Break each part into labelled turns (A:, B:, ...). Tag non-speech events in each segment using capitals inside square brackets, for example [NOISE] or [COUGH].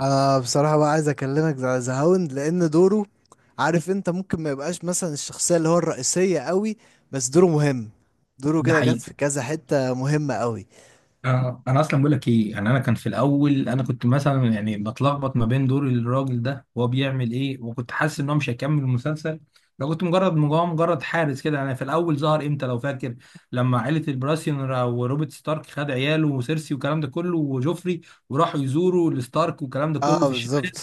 A: انا بصراحه بقى عايز اكلمك على ذا هاوند، لان دوره، عارف انت، ممكن ما يبقاش مثلا الشخصيه اللي هو الرئيسيه قوي، بس دوره مهم. دوره
B: ده
A: كده جت
B: حقيقي.
A: في كذا حته مهمه قوي.
B: انا اصلا بقول لك ايه، يعني انا كان في الاول انا كنت مثلا يعني بتلخبط ما بين دور الراجل ده وهو بيعمل ايه، وكنت حاسس ان هو مش هيكمل المسلسل لو كنت مجرد حارس كده. يعني في الاول ظهر امتى لو فاكر؟ لما عائله البراسيون وروبرت ستارك خد عياله وسيرسي والكلام ده كله وجوفري وراحوا يزوروا الستارك والكلام ده كله
A: اه
B: في الشمال،
A: بالظبط.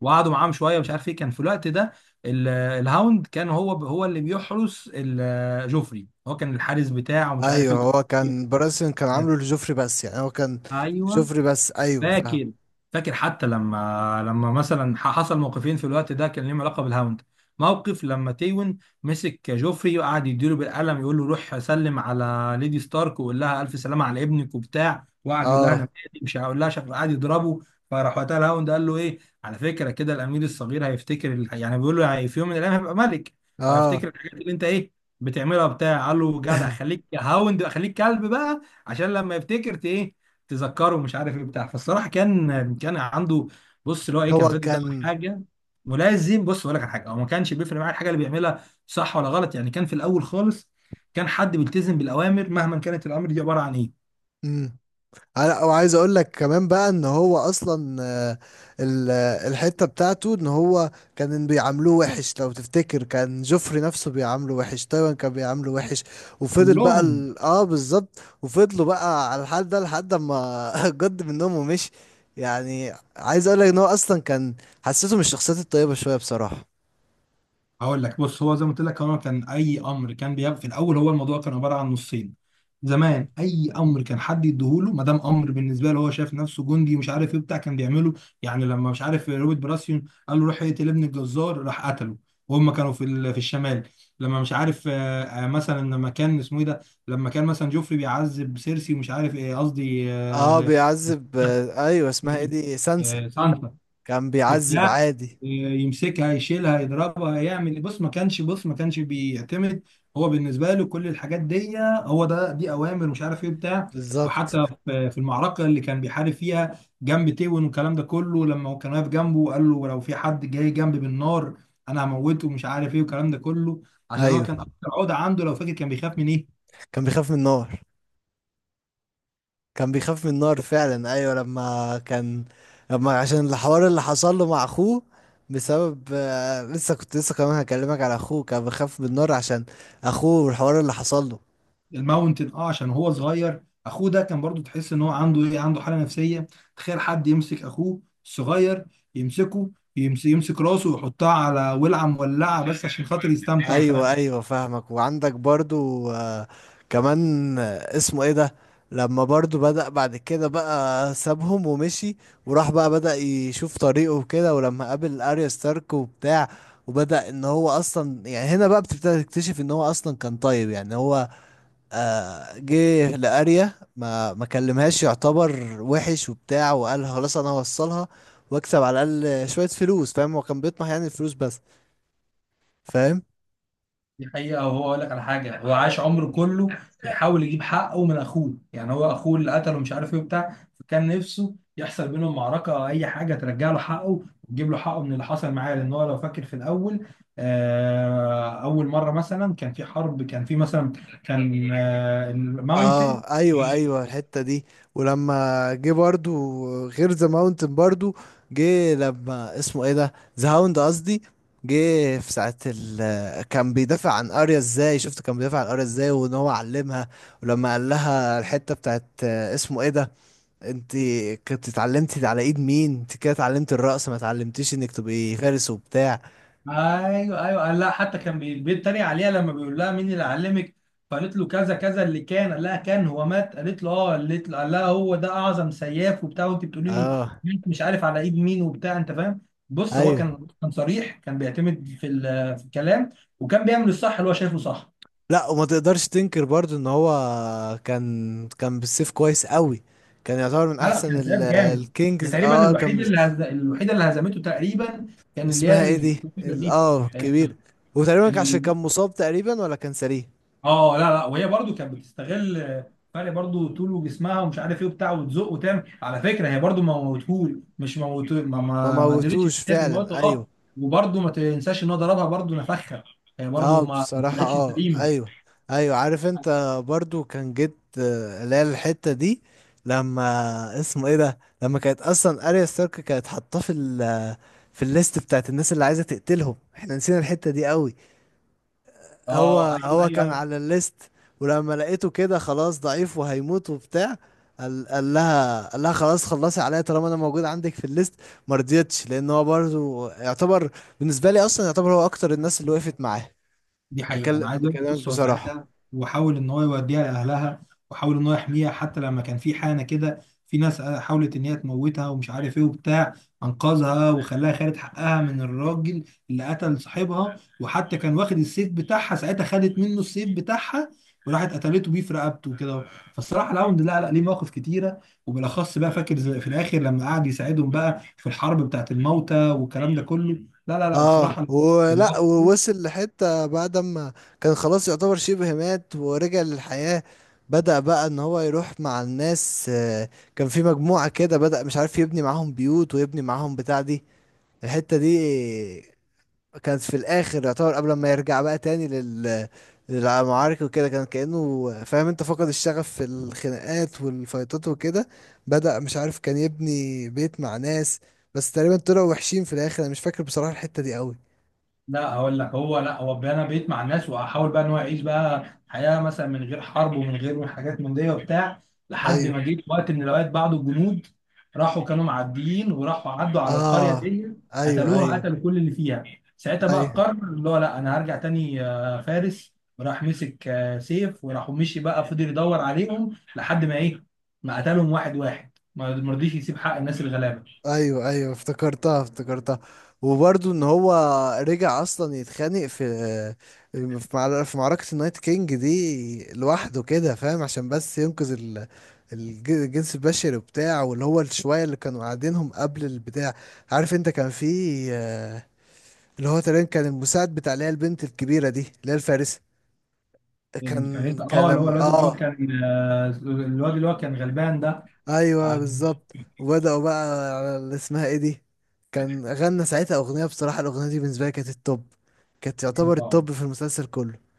B: وقعدوا معاهم شويه مش عارف ايه كان في الوقت ده. الهاوند كان هو اللي بيحرس جوفري، هو كان الحارس بتاعه ومش عارف
A: ايوه،
B: ايه.
A: هو كان براسن، كان عامله لجوفري بس، يعني هو كان
B: ايوه
A: جوفري بس. ايوه فاهم.
B: فاكر. فاكر حتى لما مثلا حصل موقفين في الوقت ده كان ليهم علاقه بالهاوند. موقف لما تيون مسك جوفري وقعد يديله بالقلم، يقول له روح سلم على ليدي ستارك وقول لها الف سلامه على ابنك وبتاع، وقعد يقول لها انا
A: اه.
B: مالي، مش هقول لها شكله، قعد يضربه. فراح وقتها الهاوند قال له ايه على فكره كده، الامير الصغير هيفتكر يعني بيقول له يعني في يوم من الايام هيبقى ملك
A: اه.
B: وهيفتكر الحاجات اللي انت ايه بتعملها بتاع قال له جدع، خليك
A: [LAUGHS]
B: يا هاوند، خليك كلب بقى عشان لما يفتكر ت- ايه تذكره مش عارف ايه بتاع فالصراحه كان عنده بص اللي هو ايه، كان
A: هو
B: فاتح ده
A: كان.
B: حاجه ملازم. بص اقول لك على حاجه، هو ما كانش بيفرق معاه الحاجه اللي بيعملها صح ولا غلط، يعني كان في الاول خالص كان حد بيلتزم بالاوامر مهما كانت الامر دي عباره عن ايه.
A: مم. لا، وعايز اقول لك كمان بقى ان هو اصلا الحته بتاعته، ان هو كان بيعاملوه وحش. لو تفتكر كان جوفري نفسه بيعامله وحش، تايوان كان بيعامله وحش، وفضل بقى
B: كلهم
A: اه بالظبط، وفضلوا بقى على الحال ده لحد ما [LAUGHS] جد منهم ومشي. يعني عايز اقول لك ان هو اصلا كان، حسيته من الشخصيات الطيبه شويه بصراحه.
B: هقول لك بص، هو زي ما قلت لك هو كان اي امر كان بيبقى في الاول، هو الموضوع كان عباره عن نصين. زمان اي امر كان حد يديهوله ما دام امر بالنسبه له، هو شايف نفسه جندي ومش عارف ايه بتاع كان بيعمله. يعني لما مش عارف روبرت براسيون قال له روح اقتل ابن الجزار، راح قتله، وهم كانوا في الشمال. لما مش عارف مثلا لما كان اسمه ايه ده، لما كان مثلا جوفري بيعذب سيرسي ومش عارف ايه، قصدي آه،
A: اه
B: لا،
A: بيعذب، ايوه، اسمها ايه
B: [LAUGHS]
A: دي، سانسا.
B: آه، سانسا
A: كان بيعذب
B: وبتاع،
A: عادي.
B: يمسكها يشيلها يضربها يعمل. بص ما كانش، بص ما كانش بيعتمد، هو بالنسبه له كل الحاجات دي هو ده، دي اوامر مش عارف ايه بتاع
A: بالظبط
B: وحتى في المعركه اللي كان بيحارب فيها جنب تيون والكلام ده كله، لما هو كان واقف جنبه وقال له لو في حد جاي جنبي بالنار انا هموته ومش عارف ايه والكلام ده كله. عشان هو كان
A: ايوه.
B: اكتر عقده عنده لو فاكر كان بيخاف من ايه؟
A: كان بيخاف من النار. كان بيخاف من النار فعلا، ايوه لما كان، لما عشان الحوار اللي حصل له مع اخوه، بسبب لسه كمان هكلمك على اخوه، كان بيخاف من النار عشان اخوه والحوار اللي حصل له.
B: الماونتن. اه عشان هو صغير اخوه ده كان برضو، تحس ان هو عنده ايه، عنده حاله نفسيه. تخيل حد يمسك اخوه الصغير، يمسكه يمسك راسه ويحطها على ولعه مولعه بس عشان خاطر يستمتع وكلام.
A: ايوه ايوه فاهمك، وعندك برضو كمان اسمه ايه ده، لما برضو بدأ بعد كده بقى سابهم ومشي، وراح بقى بدأ يشوف طريقه وكده، ولما قابل اريا ستارك وبتاع، وبدأ ان هو اصلا، يعني هنا بقى بتبتدي تكتشف ان هو اصلا كان طيب. يعني هو جه لاريا، ما كلمهاش، يعتبر وحش وبتاع، وقال خلاص انا هوصلها واكسب على الاقل شويه فلوس. فاهم، هو كان بيطمح يعني الفلوس بس. فاهم.
B: دي حقيقة، وهو أقول لك على حاجة، هو عاش عمره كله بيحاول يجيب حقه من أخوه، يعني هو أخوه اللي قتله مش عارف إيه وبتاع، فكان نفسه يحصل بينهم معركة أو أي حاجة ترجع له حقه وتجيب له حقه من اللي حصل معاه. لأن هو لو فاكر في الأول أول مرة مثلا كان في حرب، كان في مثلا كان
A: اه
B: الماونتن.
A: ايوه ايوه، الحته دي ولما جه برضو، غير ذا ماونتن برضو، جه لما اسمه ايه ده، ذا هاوند قصدي، جه في ساعة ال كان بيدافع عن اريا ازاي، شفت كان بيدافع عن اريا ازاي وان هو علمها. ولما قال لها الحتة بتاعت اسمه ايه ده، انت كنت اتعلمتي على ايد مين، انت كده اتعلمت الرقص، ما اتعلمتيش انك تبقي فارس وبتاع.
B: ايوه ايوه، قال لها حتى كان بيتريق عليها لما بيقول لها مين اللي علمك، فقالت له كذا كذا اللي كان، قال لها كان هو مات، قالت له اه، قالت له، قال لها هو ده اعظم سياف وبتاع وانت بتقولي لي
A: اه
B: مات مش عارف على ايد مين وبتاع، انت فاهم. بص هو
A: ايوه،
B: كان صريح، كان بيعتمد في الكلام، وكان بيعمل الصح اللي هو شايفه صح.
A: لا، وما تقدرش تنكر برضو ان هو كان بالسيف كويس قوي، كان يعتبر من
B: لا لا،
A: احسن
B: كان سياف جامد. ده
A: الكينجز
B: تقريبا
A: اه كان.
B: الوحيده اللي هزمته تقريبا كان اللي
A: اسمها
B: هي
A: ايه دي
B: الكتيبه
A: اه كبير، وتقريبا عشان
B: دي.
A: كان مصاب تقريبا ولا كان سريع.
B: اه لا لا، وهي برضو كانت بتستغل فرق برضو طول وجسمها ومش عارف ايه وبتاع، وتزق وتعمل. على فكره هي برضو ما موتهول، مش موت،
A: ما
B: ما قدرتش
A: موتوش
B: تتكلم الموت
A: فعلا ايوه.
B: اه. وبرضو ما تنساش ان هو ضربها برضو نفخها، هي
A: اه
B: برضو ما
A: بصراحة،
B: طلعتش
A: اه
B: سليمه.
A: ايوه، ايوه عارف انت برضو، كان جيت اللي هي الحتة دي لما اسمه ايه ده، لما كانت اصلا اريا ستارك كانت حاطاه في في الليست بتاعت الناس اللي عايزة تقتلهم. احنا نسينا الحتة دي قوي. هو
B: اه ايوه
A: هو
B: ايوه
A: كان
B: ايوه.
A: على الليست، ولما لقيته كده خلاص ضعيف وهيموت وبتاع، قال لها خلاص، خلصي عليا طالما انا موجود عندك في الليست. ما رضيتش، لان هو برضو يعتبر، بالنسبة لي اصلا يعتبر هو اكتر الناس اللي وقفت معاه.
B: دي حقيقة، أنا عايز أقول لك
A: بكلمك
B: بص هو
A: بصراحة.
B: ساعتها وحاول إن هو يوديها لأهلها، وحاول إن هو يحميها. حتى لما كان في حانة كده في ناس حاولت إن هي تموتها ومش عارف إيه وبتاع، أنقذها وخلاها خدت حقها من الراجل اللي قتل صاحبها. وحتى كان واخد السيف بتاعها ساعتها، خدت منه السيف بتاعها وراحت قتلته بيه في رقبته وكده. فالصراحة الراوند لا ليه مواقف كتيرة، وبالأخص بقى فاكر في الآخر لما قعد يساعدهم بقى في الحرب بتاعت الموتى والكلام ده كله. لا لا لا
A: اه
B: الصراحة.
A: ولا ووصل لحتة بعد ما كان خلاص يعتبر شبه مات ورجع للحياة، بدأ بقى ان هو يروح مع الناس كان في مجموعة كده، بدأ مش عارف يبني معاهم بيوت ويبني معاهم بتاع دي. الحتة دي كانت في الاخر، يعتبر قبل ما يرجع بقى تاني لل، للمعارك وكده، كان كأنه فاهم انت فقد الشغف في الخناقات والفايتات وكده. بدأ مش عارف كان يبني بيت مع ناس، بس تقريبا طلعوا وحشين في الاخر. انا مش فاكر بصراحة الحتة دي قوي.
B: لا هقول لك هو، لا هو انا بقيت مع الناس واحاول بقى ان هو يعيش بقى حياه مثلا من غير حرب ومن غير حاجات من دي وبتاع، لحد
A: ايوه.
B: ما جيت وقت من الاوقات بعض الجنود راحوا كانوا معديين وراحوا عدوا على القريه
A: اه
B: دي،
A: ايوه
B: قتلوها،
A: ايوه
B: قتلوا كل اللي فيها. ساعتها بقى
A: ايوه
B: قرر اللي هو لا انا هرجع تاني فارس، وراح مسك سيف وراح مشي بقى فضل يدور عليهم لحد ما ايه ما قتلهم واحد واحد، ما رضيش يسيب حق الناس الغلابه.
A: ايوه ايوه افتكرتها افتكرتها، وبرضه ان هو رجع اصلا يتخانق في في معركة النايت كينج دي لوحده كده، فاهم عشان بس ينقذ الجنس البشري وبتاع، واللي هو الشوية اللي كانوا قاعدينهم قبل البتاع. عارف انت كان في آه، اللي هو تقريبا كان المساعد بتاع اللي هي البنت الكبيرة دي، اللي هي الفارسة، كان
B: الفريق
A: كان
B: اه اللي هو
A: لما
B: الواد اللي هو
A: اه
B: كان الواد اللي هو كان غلبان ده.
A: ايوه بالظبط، وبداوا بقى على اللي اسمها ايه دي، كان غنى ساعتها اغنيه. بصراحه الاغنيه دي بالنسبه لي كانت التوب، كانت تعتبر
B: آه،
A: التوب في المسلسل كله.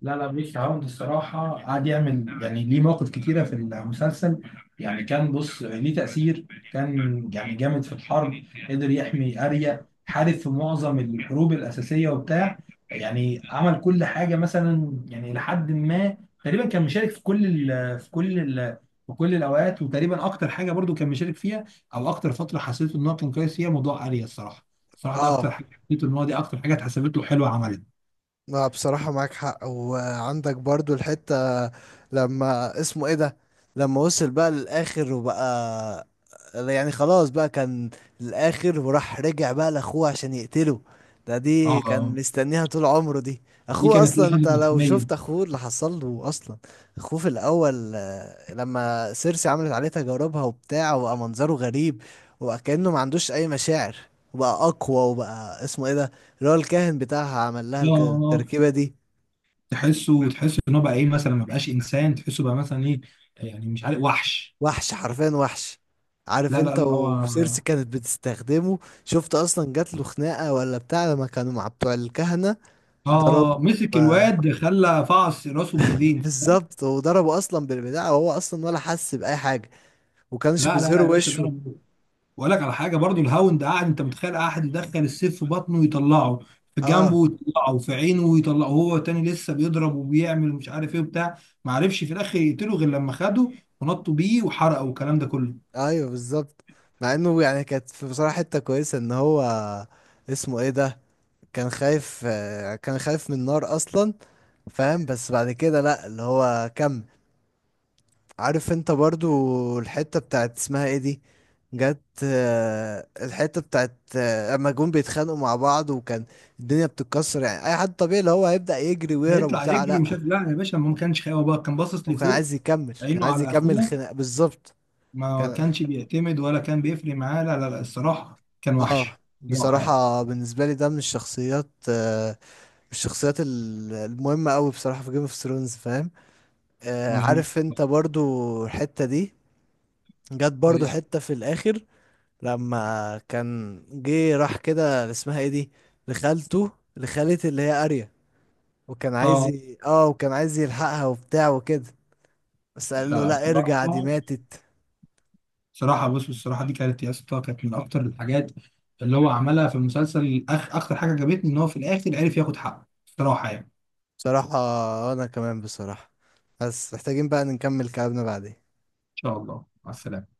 B: لا لا، بيك عوض الصراحة قعد يعمل يعني ليه مواقف كتيرة في المسلسل. يعني كان بص ليه تأثير، كان يعني جامد في الحرب، قدر يحمي أريا، حارب في معظم الحروب الأساسية وبتاع، يعني عمل كل حاجة مثلا. يعني لحد ما تقريبا كان مشارك في كل ال في كل ال في كل الأوقات، وتقريبا أكتر حاجة برضو كان مشارك فيها أو أكتر فترة حسيت إن هو كان كويس فيها موضوع أريا الصراحة. الصراحة ده أكتر
A: اه.
B: حاجة حسيت إن هو، دي أكتر حاجة اتحسبت له حلوة عملها.
A: لا بصراحه معاك حق، وعندك برضو الحته لما اسمه ايه ده، لما وصل بقى للاخر وبقى، يعني خلاص بقى كان الاخر، وراح رجع بقى لاخوه عشان يقتله. دي كان
B: اه،
A: مستنيها طول عمره دي.
B: دي
A: اخوه
B: كانت
A: اصلا،
B: ليه حاجه
A: انت لو
B: ملحميه.
A: شفت اخوه اللي حصل له اصلا، اخوه في الاول لما سيرسي عملت عليه تجاربها وبتاع، وبقى منظره غريب وكأنه ما عندوش اي مشاعر، وبقى اقوى، وبقى اسمه ايه ده، اللي هو الكاهن بتاعها عمل لها
B: اه
A: التركيبة دي.
B: تحسه، تحسه ان هو بقى ايه مثلا، ما بقاش انسان، تحسه بقى مثلا ايه، يعني مش عارف وحش.
A: وحش حرفيا وحش. عارف
B: لا لا
A: انت،
B: لا هو
A: وسيرسي
B: اه،
A: كانت بتستخدمه. شفت اصلا جات له خناقه ولا بتاع لما كانوا مع بتوع الكهنه، ضربوا
B: مسك الواد خلى فعص راسه
A: [LAUGHS]
B: بايديه.
A: بالظبط، وضربوا اصلا بالبتاع وهو اصلا ولا حس باي حاجه، وكانش
B: لا لا لا يا
A: بيظهروا
B: باشا
A: وشه.
B: ضرب، واقول لك على حاجه برضو، الهاوند قاعد انت متخيل قاعد يدخل السيف في بطنه ويطلعه في جنبه
A: اه
B: ويطلعه في عينه ويطلعه، هو تاني لسه بيضرب وبيعمل مش عارف ايه وبتاع. ما عرفش في الاخر يقتله غير لما خده ونطوا بيه وحرقه والكلام ده كله.
A: ايوه بالظبط. مع انه يعني كانت في بصراحه حته كويسه ان هو اسمه ايه ده، كان خايف من النار اصلا، فاهم، بس بعد كده لا، اللي هو كمل. عارف انت برضو الحتة بتاعت اسمها ايه دي، جت الحتة بتاعت اما جم بيتخانقوا مع بعض، وكان الدنيا بتتكسر، يعني اي حد طبيعي اللي هو هيبدأ يجري ويهرب
B: هيطلع
A: وبتاع،
B: يجري
A: لا
B: مش عارف، لا يا باشا ما كانش خايف، هو بقى كان باصص
A: هو
B: لفوق،
A: كان
B: عينه
A: عايز
B: على
A: يكمل
B: اخوه،
A: الخناق بالظبط
B: ما
A: كان.
B: كانش بيعتمد ولا كان بيفرق معاه. لا لا لا الصراحه كان
A: اه
B: وحش، صراحه يعني.
A: بصراحة بالنسبة لي ده من الشخصيات من الشخصيات المهمة قوي بصراحة في جيم اوف ثرونز، فاهم.
B: مظبوط
A: عارف انت برضو الحتة دي جت برضو حتة في الاخر، لما كان جه راح كده اللي اسمها ايه دي، لخالته لخالة اللي هي اريا، وكان عايز
B: اه.
A: اه وكان عايز يلحقها وبتاع وكده، بس
B: لا
A: قال له
B: لا
A: لا
B: الصراحه،
A: ارجع دي ماتت.
B: صراحه بص، الصراحه دي كانت يا اسطى كانت من اكتر الحاجات اللي هو عملها في المسلسل. اكتر حاجه عجبتني ان هو في الاخر عرف ياخد حقه صراحه. يعني ان
A: بصراحة انا كمان بصراحة، بس محتاجين بقى نكمل كلامنا بعدين.
B: شاء الله، مع السلامه.